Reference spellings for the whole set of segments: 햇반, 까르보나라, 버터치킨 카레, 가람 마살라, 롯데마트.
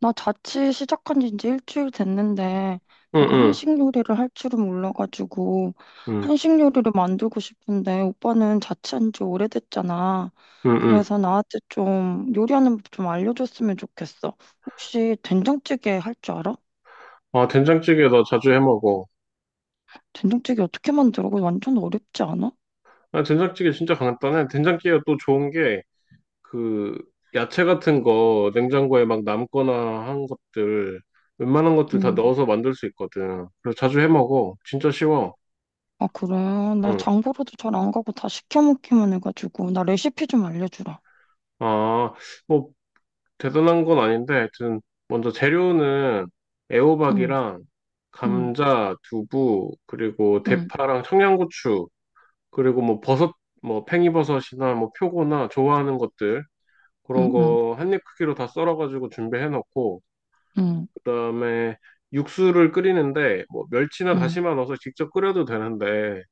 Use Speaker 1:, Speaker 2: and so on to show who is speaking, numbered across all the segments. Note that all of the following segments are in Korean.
Speaker 1: 나 자취 시작한 지 이제 1주일 됐는데,
Speaker 2: 응,
Speaker 1: 내가
Speaker 2: 응,
Speaker 1: 한식 요리를 할 줄은 몰라가지고,
Speaker 2: 응,
Speaker 1: 한식 요리를 만들고 싶은데, 오빠는 자취한 지 오래됐잖아.
Speaker 2: 응, 응.
Speaker 1: 그래서 나한테 좀 요리하는 법 좀 알려줬으면 좋겠어. 혹시 된장찌개 할 줄 알아?
Speaker 2: 아, 된장찌개 나 자주 해 먹어.
Speaker 1: 된장찌개 어떻게 만들어? 그거 완전 어렵지 않아?
Speaker 2: 아, 된장찌개 진짜 간단해. 된장찌개가 또 좋은 게, 그, 야채 같은 거 냉장고에 막 남거나 한 것들, 웬만한 것들 다
Speaker 1: 음.
Speaker 2: 넣어서 만들 수 있거든. 그래서 자주 해 먹어. 진짜 쉬워.
Speaker 1: 아, 그래. 나
Speaker 2: 응.
Speaker 1: 장보러도 잘 안 가고 다 시켜 먹기만 해가지고, 나 레시피 좀 알려주라.
Speaker 2: 아, 뭐, 대단한 건 아닌데, 하여튼, 먼저 재료는
Speaker 1: 응,
Speaker 2: 애호박이랑
Speaker 1: 응,
Speaker 2: 감자, 두부, 그리고
Speaker 1: 응,
Speaker 2: 대파랑 청양고추, 그리고 뭐 버섯, 뭐 팽이버섯이나 뭐 표고나 좋아하는 것들
Speaker 1: 응,
Speaker 2: 그런
Speaker 1: 응,
Speaker 2: 거 한입 크기로 다 썰어가지고 준비해 놓고
Speaker 1: 응,
Speaker 2: 그다음에 육수를 끓이는데 뭐 멸치나
Speaker 1: 응.
Speaker 2: 다시마 넣어서 직접 끓여도 되는데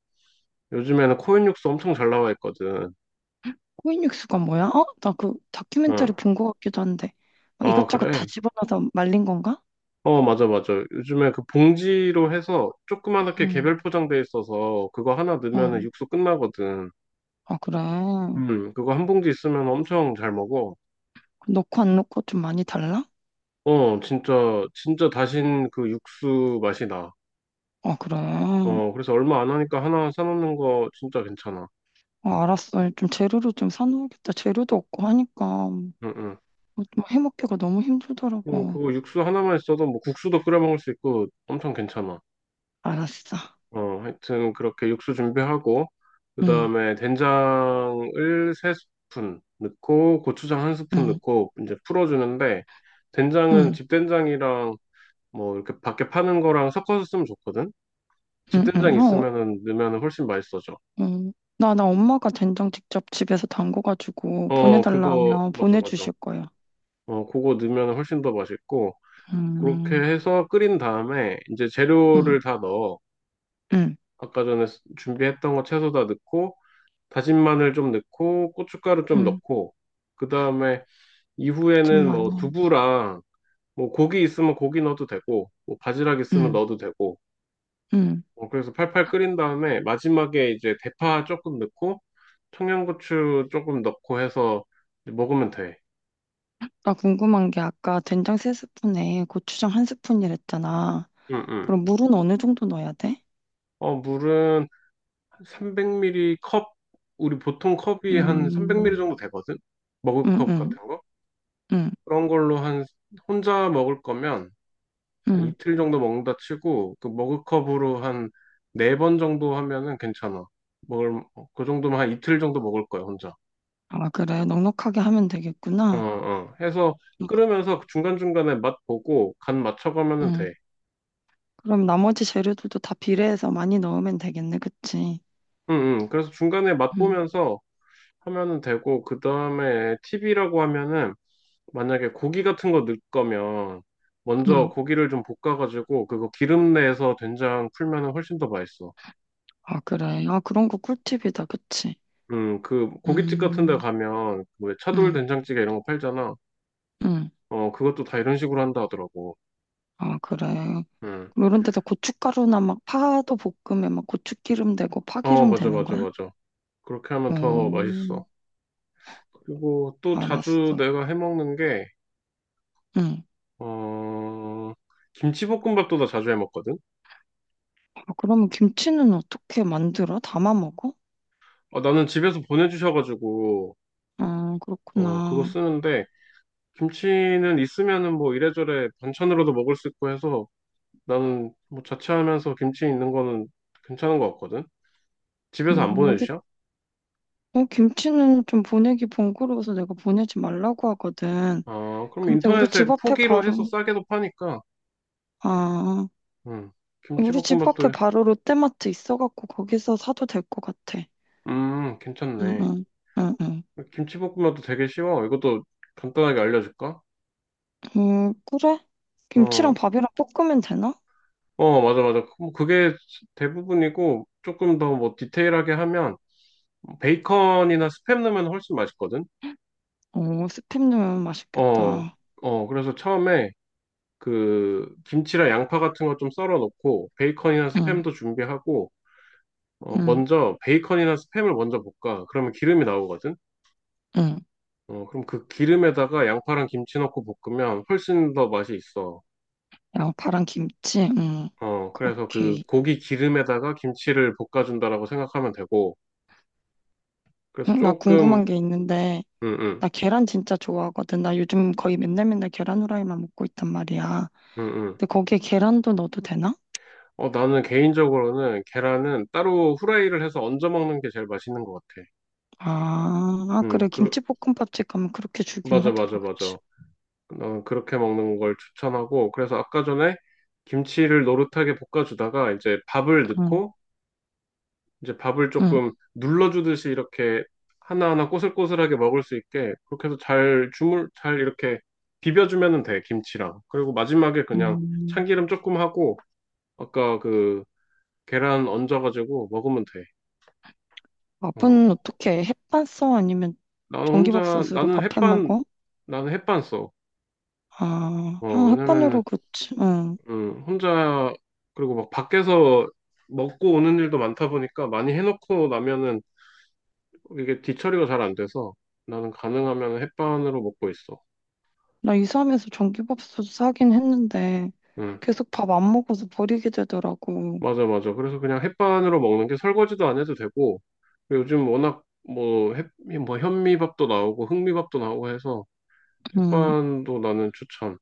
Speaker 2: 요즘에는 코인 육수 엄청 잘 나와 있거든.
Speaker 1: 코인육수가 뭐야? 어? 나 그 다큐멘터리
Speaker 2: 어,
Speaker 1: 본 것 같기도 한데. 어,
Speaker 2: 아
Speaker 1: 이것저것 다
Speaker 2: 그래?
Speaker 1: 집어넣어서 말린 건가?
Speaker 2: 어 맞아, 맞아. 요즘에 그 봉지로 해서 조그맣게
Speaker 1: 응,
Speaker 2: 개별 포장돼 있어서 그거 하나 넣으면
Speaker 1: 어.
Speaker 2: 육수 끝나거든.
Speaker 1: 아, 그래.
Speaker 2: 그거 한 봉지 있으면 엄청 잘 먹어.
Speaker 1: 넣고 안 넣고 좀 많이 달라?
Speaker 2: 어, 진짜, 진짜 다신 그 육수 맛이 나.
Speaker 1: 아, 그래. 아,
Speaker 2: 어, 그래서 얼마 안 하니까 하나 사놓는 거 진짜 괜찮아.
Speaker 1: 알았어. 좀 재료를 좀 사놓으겠다. 재료도 없고 하니까
Speaker 2: 응, 응.
Speaker 1: 좀 해먹기가 너무 힘들더라고.
Speaker 2: 그거 육수 하나만 있어도 뭐 국수도 끓여 먹을 수 있고 엄청 괜찮아.
Speaker 1: 알았어.
Speaker 2: 어, 하여튼 그렇게 육수 준비하고, 그
Speaker 1: 응,
Speaker 2: 다음에 된장을 세 스푼 넣고, 고추장 한 스푼
Speaker 1: 응,
Speaker 2: 넣고, 이제 풀어주는데, 된장은
Speaker 1: 응,
Speaker 2: 집된장이랑 뭐 이렇게 밖에 파는 거랑 섞어서 쓰면 좋거든?
Speaker 1: 응, 응.
Speaker 2: 집된장
Speaker 1: 어,
Speaker 2: 있으면은 넣으면 훨씬 맛있어져.
Speaker 1: 응. 나 엄마가 된장 직접 집에서 담궈가지고
Speaker 2: 어,
Speaker 1: 보내달라
Speaker 2: 그거,
Speaker 1: 하면
Speaker 2: 맞아, 맞아.
Speaker 1: 보내주실 거야.
Speaker 2: 어, 그거 넣으면 훨씬 더 맛있고, 그렇게
Speaker 1: 음,
Speaker 2: 해서 끓인 다음에 이제
Speaker 1: 응,
Speaker 2: 재료를 다 넣어.
Speaker 1: 응,
Speaker 2: 아까 전에 준비했던 거 채소 다 넣고, 다진 마늘 좀 넣고, 고춧가루 좀
Speaker 1: 응.
Speaker 2: 넣고, 그 다음에 이후에는
Speaker 1: 많마
Speaker 2: 뭐
Speaker 1: 요
Speaker 2: 두부랑 뭐 고기 있으면 고기 넣어도 되고, 뭐 바지락 있으면
Speaker 1: 응,
Speaker 2: 넣어도 되고,
Speaker 1: 응.
Speaker 2: 어, 그래서 팔팔 끓인 다음에 마지막에 이제 대파 조금 넣고, 청양고추 조금 넣고 해서 이제 먹으면 돼.
Speaker 1: 나 궁금한 게 아까 된장 세스푼에 고추장 한 스푼이랬잖아.
Speaker 2: 응, 응.
Speaker 1: 그럼 물은 어느 정도 넣어야 돼?
Speaker 2: 어, 물은 300ml 컵, 우리 보통 컵이 한
Speaker 1: 음,
Speaker 2: 300ml 정도 되거든? 먹을
Speaker 1: 응,
Speaker 2: 컵
Speaker 1: 응,
Speaker 2: 같은 거?
Speaker 1: 응,
Speaker 2: 그런 걸로 한, 혼자 먹을 거면 한
Speaker 1: 응.
Speaker 2: 이틀 정도 먹는다 치고, 그 먹을 컵으로 한 네 번 정도 하면은 괜찮아. 먹을, 그 정도면 한 이틀 정도 먹을 거야, 혼자.
Speaker 1: 아, 그래. 넉넉하게 하면
Speaker 2: 어,
Speaker 1: 되겠구나.
Speaker 2: 어. 해서 끓으면서 중간중간에 맛 보고 간 맞춰가면은
Speaker 1: 응.
Speaker 2: 돼.
Speaker 1: 그럼 나머지 재료들도 다 비례해서 많이 넣으면 되겠네, 그치?
Speaker 2: 응, 응. 그래서 중간에 맛
Speaker 1: 응,
Speaker 2: 보면서 하면은 되고, 그 다음에 팁이라고 하면은 만약에 고기 같은 거 넣을 거면 먼저
Speaker 1: 응.
Speaker 2: 고기를 좀 볶아가지고 그거 기름 내서 된장 풀면은 훨씬 더 맛있어.
Speaker 1: 아, 그래. 아, 그런 거 꿀팁이다, 그치?
Speaker 2: 그 고깃집 같은 데
Speaker 1: 음,
Speaker 2: 가면 왜 차돌
Speaker 1: 응,
Speaker 2: 된장찌개 이런 거 팔잖아.
Speaker 1: 응.
Speaker 2: 어, 그것도 다 이런 식으로 한다 하더라고.
Speaker 1: 아, 그래.
Speaker 2: 음.
Speaker 1: 요런 데서 고춧가루나 막 파도 볶으면 막 고추기름 되고
Speaker 2: 어,
Speaker 1: 파기름
Speaker 2: 맞아,
Speaker 1: 되는
Speaker 2: 맞아,
Speaker 1: 거야?
Speaker 2: 맞아. 그렇게 하면
Speaker 1: 오,
Speaker 2: 더 맛있어. 그리고 또 자주
Speaker 1: 알았어.
Speaker 2: 내가 해 먹는 게,
Speaker 1: 응.
Speaker 2: 어, 김치볶음밥도 나 자주 해 먹거든?
Speaker 1: 아, 그러면 김치는 어떻게 만들어? 담아 먹어?
Speaker 2: 어, 나는 집에서 보내주셔가지고,
Speaker 1: 아,
Speaker 2: 어, 그거
Speaker 1: 그렇구나.
Speaker 2: 쓰는데, 김치는 있으면은 뭐 이래저래 반찬으로도 먹을 수 있고 해서 나는 뭐 자취하면서 김치 있는 거는 괜찮은 것 같거든. 집에서 안
Speaker 1: 우리,
Speaker 2: 보내주셔?
Speaker 1: 어, 김치는 좀 보내기 번거로워서 내가 보내지 말라고 하거든.
Speaker 2: 아, 그럼
Speaker 1: 근데 우리
Speaker 2: 인터넷에
Speaker 1: 집 앞에
Speaker 2: 포기로 해서
Speaker 1: 바로,
Speaker 2: 싸게도 파니까,
Speaker 1: 아,
Speaker 2: 음,
Speaker 1: 우리 집 앞에
Speaker 2: 김치볶음밥도,
Speaker 1: 바로 롯데마트 있어갖고 거기서 사도 될 것 같아. 응,
Speaker 2: 괜찮네.
Speaker 1: 응, 응, 응.
Speaker 2: 김치볶음밥도 되게 쉬워. 이것도 간단하게 알려줄까?
Speaker 1: 그래?
Speaker 2: 어,
Speaker 1: 김치랑 밥이랑 볶으면 되나?
Speaker 2: 어, 맞아, 맞아. 그, 뭐 그게 대부분이고, 조금 더 뭐 디테일하게 하면, 베이컨이나 스팸 넣으면 훨씬 맛있거든?
Speaker 1: 오, 스팸 넣으면
Speaker 2: 어,
Speaker 1: 맛있겠다.
Speaker 2: 어, 그래서 처음에 그 김치랑 양파 같은 거 좀 썰어 놓고 베이컨이나
Speaker 1: 응,
Speaker 2: 스팸도 준비하고 어,
Speaker 1: 응,
Speaker 2: 먼저 베이컨이나 스팸을 먼저 볶아. 그러면 기름이 나오거든.
Speaker 1: 응.
Speaker 2: 어, 그럼 그 기름에다가 양파랑 김치 넣고 볶으면 훨씬 더 맛이 있어.
Speaker 1: 양파랑 김치?
Speaker 2: 어, 그래서 그
Speaker 1: 오케이.
Speaker 2: 고기 기름에다가 김치를 볶아준다라고 생각하면 되고. 그래서
Speaker 1: 응, 나
Speaker 2: 조금
Speaker 1: 궁금한 게 있는데,
Speaker 2: 응응응응.
Speaker 1: 나 계란 진짜 좋아하거든. 나 요즘 거의 맨날 맨날 계란 후라이만 먹고 있단 말이야. 근데 거기에 계란도 넣어도 되나?
Speaker 2: 어, 나는 개인적으로는 계란은 따로 후라이를 해서 얹어 먹는 게 제일 맛있는 것 같아.
Speaker 1: 아, 아,
Speaker 2: 응.
Speaker 1: 그래.
Speaker 2: 그,
Speaker 1: 김치볶음밥집 가면 그렇게 주긴
Speaker 2: 맞아,
Speaker 1: 하더라,
Speaker 2: 맞아, 맞아.
Speaker 1: 그치?
Speaker 2: 어, 그렇게 먹는 걸 추천하고, 그래서 아까 전에 김치를 노릇하게 볶아주다가 이제 밥을
Speaker 1: 응,
Speaker 2: 넣고, 이제 밥을
Speaker 1: 응,
Speaker 2: 조금 눌러주듯이 이렇게 하나하나 꼬슬꼬슬하게 먹을 수 있게, 그렇게 해서 잘 이렇게 비벼주면 돼, 김치랑. 그리고 마지막에 그냥
Speaker 1: 응.
Speaker 2: 참기름 조금 하고, 아까 그 계란 얹어가지고 먹으면 돼.
Speaker 1: 밥은
Speaker 2: 어,
Speaker 1: 어떻게 해? 햇반 써? 아니면
Speaker 2: 나는 혼자,
Speaker 1: 전기밥솥으로
Speaker 2: 나는
Speaker 1: 밥해
Speaker 2: 햇반,
Speaker 1: 먹어?
Speaker 2: 나는 햇반 써.
Speaker 1: 아,
Speaker 2: 어,
Speaker 1: 아,
Speaker 2: 왜냐면은
Speaker 1: 햇반으로 그치. 응.
Speaker 2: 혼자, 그리고 막 밖에서 먹고 오는 일도 많다 보니까 많이 해놓고 나면은 이게 뒤처리가 잘 안 돼서 나는 가능하면 햇반으로 먹고 있어.
Speaker 1: 나 이사하면서 전기밥솥 사긴 했는데,
Speaker 2: 음,
Speaker 1: 계속 밥 안 먹어서 버리게 되더라고.
Speaker 2: 맞아, 맞아. 그래서 그냥 햇반으로 먹는 게 설거지도 안 해도 되고, 그리고 요즘 워낙 뭐, 뭐 현미밥도 나오고 흑미밥도 나오고 해서
Speaker 1: 음,
Speaker 2: 햇반도 나는 추천.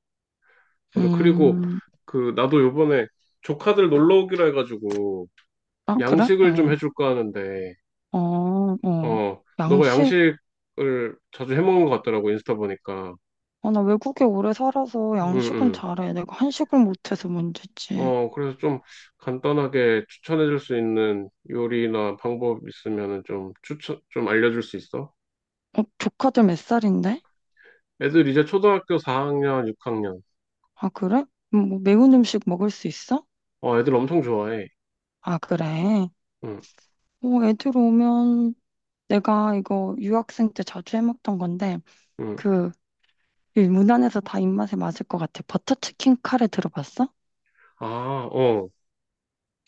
Speaker 2: 맞아. 그리고
Speaker 1: 음,
Speaker 2: 그, 나도 요번에 조카들 놀러 오기로 해가지고
Speaker 1: 아, 그래?
Speaker 2: 양식을
Speaker 1: 어,
Speaker 2: 좀 해줄까 하는데,
Speaker 1: 어, 어.
Speaker 2: 어, 너가
Speaker 1: 양식?
Speaker 2: 양식을 자주 해먹는 것 같더라고, 인스타 보니까.
Speaker 1: 아, 나 외국에 오래 살아서
Speaker 2: 응,
Speaker 1: 양식은
Speaker 2: 응.
Speaker 1: 잘해. 내가 한식을 못해서 문제지.
Speaker 2: 어, 그래서 좀 간단하게 추천해줄 수 있는 요리나 방법 있으면은 좀 추천, 좀 알려줄 수 있어?
Speaker 1: 어, 조카들 몇 살인데?
Speaker 2: 애들 이제 초등학교 4학년, 6학년.
Speaker 1: 아, 그래? 뭐 매운 음식 먹을 수 있어?
Speaker 2: 어, 애들 엄청 좋아해.
Speaker 1: 아, 그래.
Speaker 2: 응,
Speaker 1: 어, 애들 오면 내가 이거 유학생 때 자주 해먹던 건데,
Speaker 2: 응.
Speaker 1: 그, 이 무난해서 다 입맛에 맞을 것 같아. 버터치킨 카레 들어봤어?
Speaker 2: 아, 어.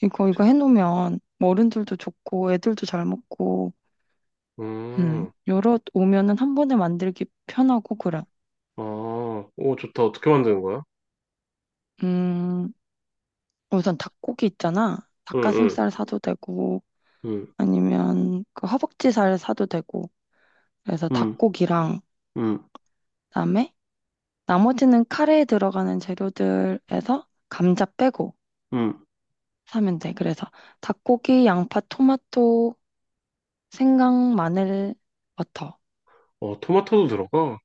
Speaker 1: 이거 해놓으면 어른들도 좋고 애들도 잘 먹고
Speaker 2: 음,
Speaker 1: 여러 오면은 한 번에 만들기 편하고 그래.
Speaker 2: 아, 오, 좋다. 어떻게 만드는 거야?
Speaker 1: 음, 우선 닭고기 있잖아.
Speaker 2: 응, 응,
Speaker 1: 닭가슴살 사도 되고
Speaker 2: 응,
Speaker 1: 아니면 그 허벅지살 사도 되고. 그래서
Speaker 2: 응,
Speaker 1: 닭고기랑
Speaker 2: 응,
Speaker 1: 그다음에 나머지는 카레에 들어가는 재료들에서 감자 빼고
Speaker 2: 응.
Speaker 1: 사면 돼. 그래서 닭고기, 양파, 토마토, 생강, 마늘, 버터.
Speaker 2: 어, 토마토도 들어가?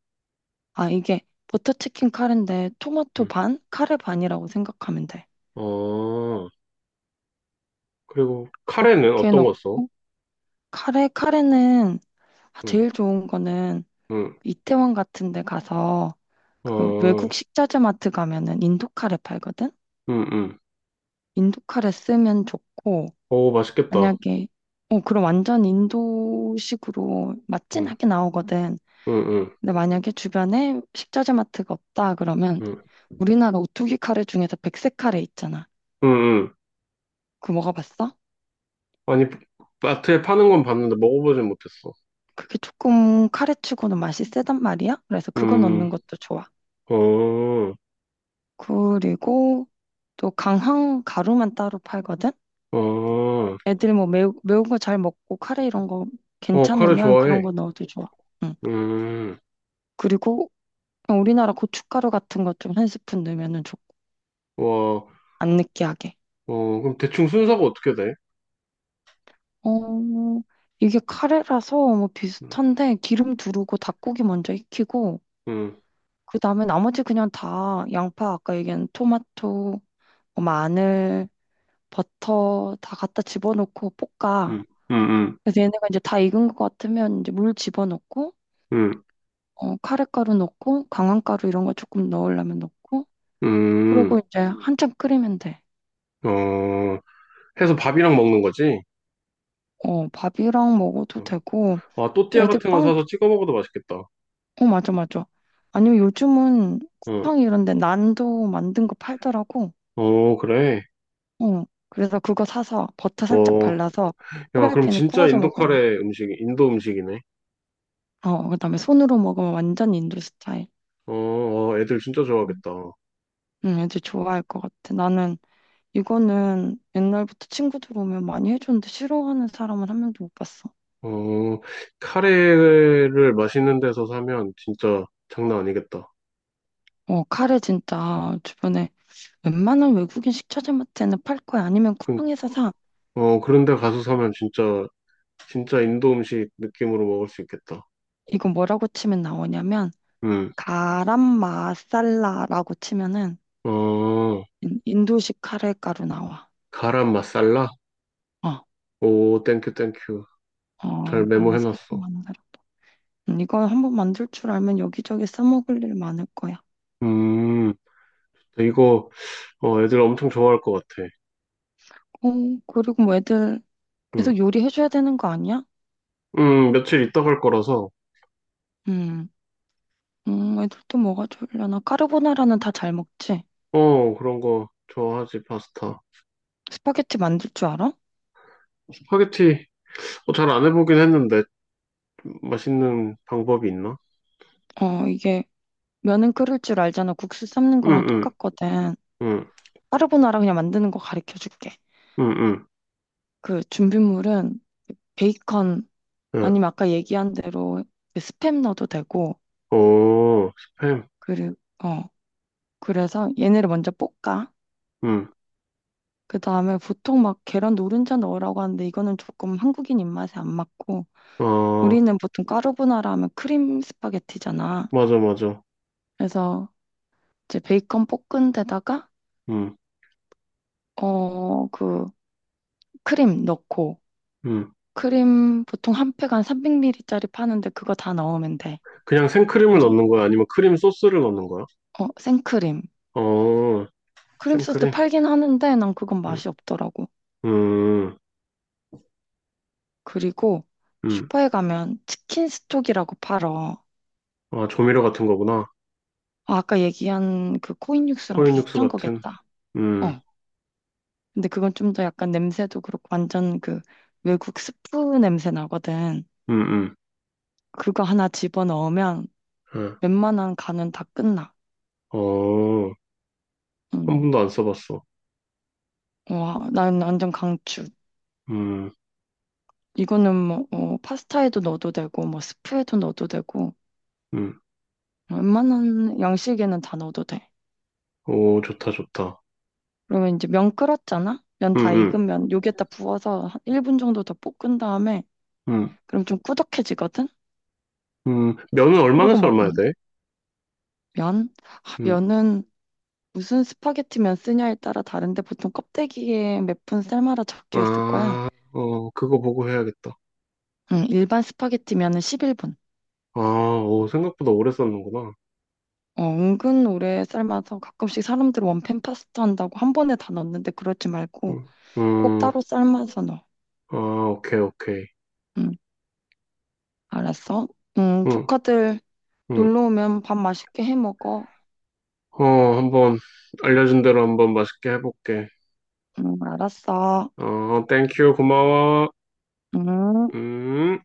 Speaker 1: 아, 이게 버터 치킨 카레인데 토마토
Speaker 2: 응.
Speaker 1: 반, 카레 반이라고 생각하면 돼.
Speaker 2: 어, 그리고 카레는
Speaker 1: 그렇게
Speaker 2: 어떤 거 써?
Speaker 1: 넣고 카레는 아,
Speaker 2: 응,
Speaker 1: 제일 좋은 거는
Speaker 2: 응,
Speaker 1: 이태원 같은 데 가서 그 외국
Speaker 2: 어,
Speaker 1: 식자재 마트 가면은 인도 카레 팔거든?
Speaker 2: 응, 응.
Speaker 1: 인도 카레 쓰면 좋고
Speaker 2: 오, 맛있겠다.
Speaker 1: 만약에 어 그럼 완전 인도식으로
Speaker 2: 응,
Speaker 1: 맛진하게 나오거든.
Speaker 2: 응, 응,
Speaker 1: 근데 만약에 주변에 식자재 마트가 없다 그러면
Speaker 2: 응,
Speaker 1: 우리나라 오뚜기 카레 중에서 백색 카레 있잖아.
Speaker 2: 응, 응.
Speaker 1: 그거 먹어봤어?
Speaker 2: 아니, 마트에 파는 건 봤는데 먹어보진 못했어.
Speaker 1: 그게 조금 카레치고는 맛이 세단 말이야. 그래서 그거 넣는
Speaker 2: 음,
Speaker 1: 것도 좋아.
Speaker 2: 어,
Speaker 1: 그리고 또 강황 가루만 따로 팔거든.
Speaker 2: 어,
Speaker 1: 애들 뭐 매운 거 잘 먹고 카레 이런 거
Speaker 2: 어, 카레
Speaker 1: 괜찮으면
Speaker 2: 좋아해.
Speaker 1: 그런 거 넣어도 좋아. 응.
Speaker 2: 음,
Speaker 1: 그리고 그냥 우리나라 고춧가루 같은 거 좀 한 스푼 넣으면은 좋고
Speaker 2: 와,
Speaker 1: 안 느끼하게.
Speaker 2: 어, 그럼 대충 순서가 어떻게 돼?
Speaker 1: 어, 이게 카레라서 뭐
Speaker 2: 응,
Speaker 1: 비슷한데 기름 두르고 닭고기 먼저 익히고
Speaker 2: 응,
Speaker 1: 그다음에 나머지 그냥 다 양파 아까 얘기한 토마토, 뭐 마늘, 버터 다 갖다 집어넣고 볶아.
Speaker 2: 응, 응,
Speaker 1: 그래서 얘네가 이제 다 익은 것 같으면 이제 물 집어넣고
Speaker 2: 응,
Speaker 1: 어, 카레가루 넣고 강황가루 이런 거 조금 넣으려면 넣고
Speaker 2: 응,
Speaker 1: 그리고 이제 한참 끓이면 돼.
Speaker 2: 어, 해서 밥이랑 먹는 거지?
Speaker 1: 어, 밥이랑 먹어도 되고
Speaker 2: 어, 아, 또띠아
Speaker 1: 애들
Speaker 2: 같은 거
Speaker 1: 빵,
Speaker 2: 사서 찍어 먹어도 맛있겠다.
Speaker 1: 어, 맞아, 맞아. 아니면 요즘은
Speaker 2: 응,
Speaker 1: 쿠팡 이런 데 난도 만든 거 팔더라고.
Speaker 2: 어, 그래.
Speaker 1: 어, 그래서 그거 사서 버터 살짝
Speaker 2: 어,
Speaker 1: 발라서
Speaker 2: 야, 그럼
Speaker 1: 프라이팬에
Speaker 2: 진짜
Speaker 1: 구워서 먹으면
Speaker 2: 인도 음식이네.
Speaker 1: 어, 그다음에 손으로 먹으면 완전 인도 스타일.
Speaker 2: 어, 어, 애들 진짜
Speaker 1: 음.
Speaker 2: 좋아하겠다.
Speaker 1: 응, 애들 좋아할 것 같아. 나는 이거는 옛날부터 친구들 오면 많이 해줬는데 싫어하는 사람은 한 명도 못 봤어.
Speaker 2: 어, 카레를 맛있는 데서 사면 진짜 장난 아니겠다.
Speaker 1: 어, 카레 진짜 주변에 웬만한 외국인 식자재마트에는 팔 거야. 아니면
Speaker 2: 그,
Speaker 1: 쿠팡에서 사.
Speaker 2: 어, 그런 데 가서 사면 진짜 인도 음식 느낌으로 먹을 수 있겠다.
Speaker 1: 이거 뭐라고 치면 나오냐면
Speaker 2: 음,
Speaker 1: 가람 마살라라고 치면은
Speaker 2: 어,
Speaker 1: 인도식 카레 가루 나와.
Speaker 2: 가람 마살라?
Speaker 1: 어,
Speaker 2: 오, 땡큐, 땡큐.
Speaker 1: 어,
Speaker 2: 잘
Speaker 1: 이거 한번 사서
Speaker 2: 메모해놨어.
Speaker 1: 만들어 봐. 이거 한번 만들 줄 알면 여기저기 써먹을 일 많을 거야.
Speaker 2: 음, 이거, 어, 애들 엄청 좋아할 것 같아.
Speaker 1: 어, 그리고 뭐 애들 계속
Speaker 2: 음,
Speaker 1: 요리해줘야 되는 거 아니야?
Speaker 2: 며칠 있다 갈 거라서,
Speaker 1: 음, 애들 또 뭐가 좋으려나? 까르보나라는 다 잘 먹지?
Speaker 2: 어, 그런 거 좋아하지, 파스타.
Speaker 1: 스파게티 만들 줄 알아?
Speaker 2: 스파게티 어, 잘안 해보긴 했는데 맛있는 방법이 있나?
Speaker 1: 어, 이게 면은 끓일 줄 알잖아. 국수 삶는 거랑
Speaker 2: 응응응응응
Speaker 1: 똑같거든.
Speaker 2: 응.
Speaker 1: 까르보나라 그냥 만드는 거 가르쳐 줄게.
Speaker 2: 응. 응,
Speaker 1: 그 준비물은 베이컨
Speaker 2: 응. 예.
Speaker 1: 아니면 아까 얘기한 대로 그 스팸 넣어도 되고
Speaker 2: 오 스팸
Speaker 1: 그리고 어 그래서 얘네를 먼저 볶아. 그 다음에 보통 막 계란 노른자 넣으라고 하는데 이거는 조금 한국인 입맛에 안 맞고
Speaker 2: 응어
Speaker 1: 우리는 보통 까르보나라 하면 크림 스파게티잖아.
Speaker 2: 맞아 맞아
Speaker 1: 그래서 이제 베이컨 볶은 데다가
Speaker 2: 응응
Speaker 1: 어 그 크림 넣고 크림 보통 한 팩 한 300ml짜리 파는데 그거 다 넣으면 돼.
Speaker 2: 그냥 생크림을
Speaker 1: 그리
Speaker 2: 넣는 거야? 아니면 크림 소스를 넣는 거야?
Speaker 1: 어, 생크림.
Speaker 2: 어
Speaker 1: 크림 소스
Speaker 2: 생크림
Speaker 1: 팔긴 하는데 난 그건 맛이 없더라고. 그리고
Speaker 2: 응응응아
Speaker 1: 슈퍼에 가면 치킨 스톡이라고 팔어.
Speaker 2: 조미료 같은 거구나
Speaker 1: 아, 아까 얘기한 그 코인 육수랑
Speaker 2: 코인 육수
Speaker 1: 비슷한
Speaker 2: 같은
Speaker 1: 거겠다.
Speaker 2: 응응응
Speaker 1: 어. 근데 그건 좀 더 약간 냄새도 그렇고 완전 그 외국 스프 냄새 나거든. 그거 하나 집어넣으면 웬만한 간은 다 끝나.
Speaker 2: 어한
Speaker 1: 응.
Speaker 2: 번도 안 써봤어
Speaker 1: 와, 난 완전 강추.
Speaker 2: 응응오
Speaker 1: 이거는 뭐 어, 파스타에도 넣어도 되고 뭐 스프에도 넣어도 되고 웬만한 양식에는 다 넣어도 돼.
Speaker 2: 좋다 좋다
Speaker 1: 그러면 이제 면 끓었잖아? 면
Speaker 2: 응
Speaker 1: 다
Speaker 2: 응응
Speaker 1: 익으면 여기에다 부어서 한 1분 정도 더 볶은 다음에
Speaker 2: 응
Speaker 1: 그럼 좀 꾸덕해지거든?
Speaker 2: 면은
Speaker 1: 그러고
Speaker 2: 얼마에서 얼마야
Speaker 1: 먹으면 돼.
Speaker 2: 돼?
Speaker 1: 면? 아,
Speaker 2: 음,
Speaker 1: 면은 무슨 스파게티 면 쓰냐에 따라 다른데 보통 껍데기에 몇 분 삶아라 적혀 있을 거야.
Speaker 2: 아, 어, 그거 보고 해야겠다.
Speaker 1: 응, 일반 스파게티 면은 11분.
Speaker 2: 아, 오, 생각보다 오래 썼는구나.
Speaker 1: 어, 은근 오래 삶아서 가끔씩 사람들 원팬 파스타 한다고 한 번에 다 넣는데 그러지 말고
Speaker 2: 음,
Speaker 1: 꼭
Speaker 2: 음,
Speaker 1: 따로 삶아서 넣어.
Speaker 2: 아, 오케이, 오케이.
Speaker 1: 응, 알았어. 응,
Speaker 2: 음,
Speaker 1: 조카들
Speaker 2: 음,
Speaker 1: 놀러 오면 밥 맛있게 해 먹어.
Speaker 2: 어, 한번 알려준 대로 한번 맛있게 해볼게.
Speaker 1: 응, 알았어.
Speaker 2: 어, 땡큐, 고마워.
Speaker 1: 응.
Speaker 2: 음.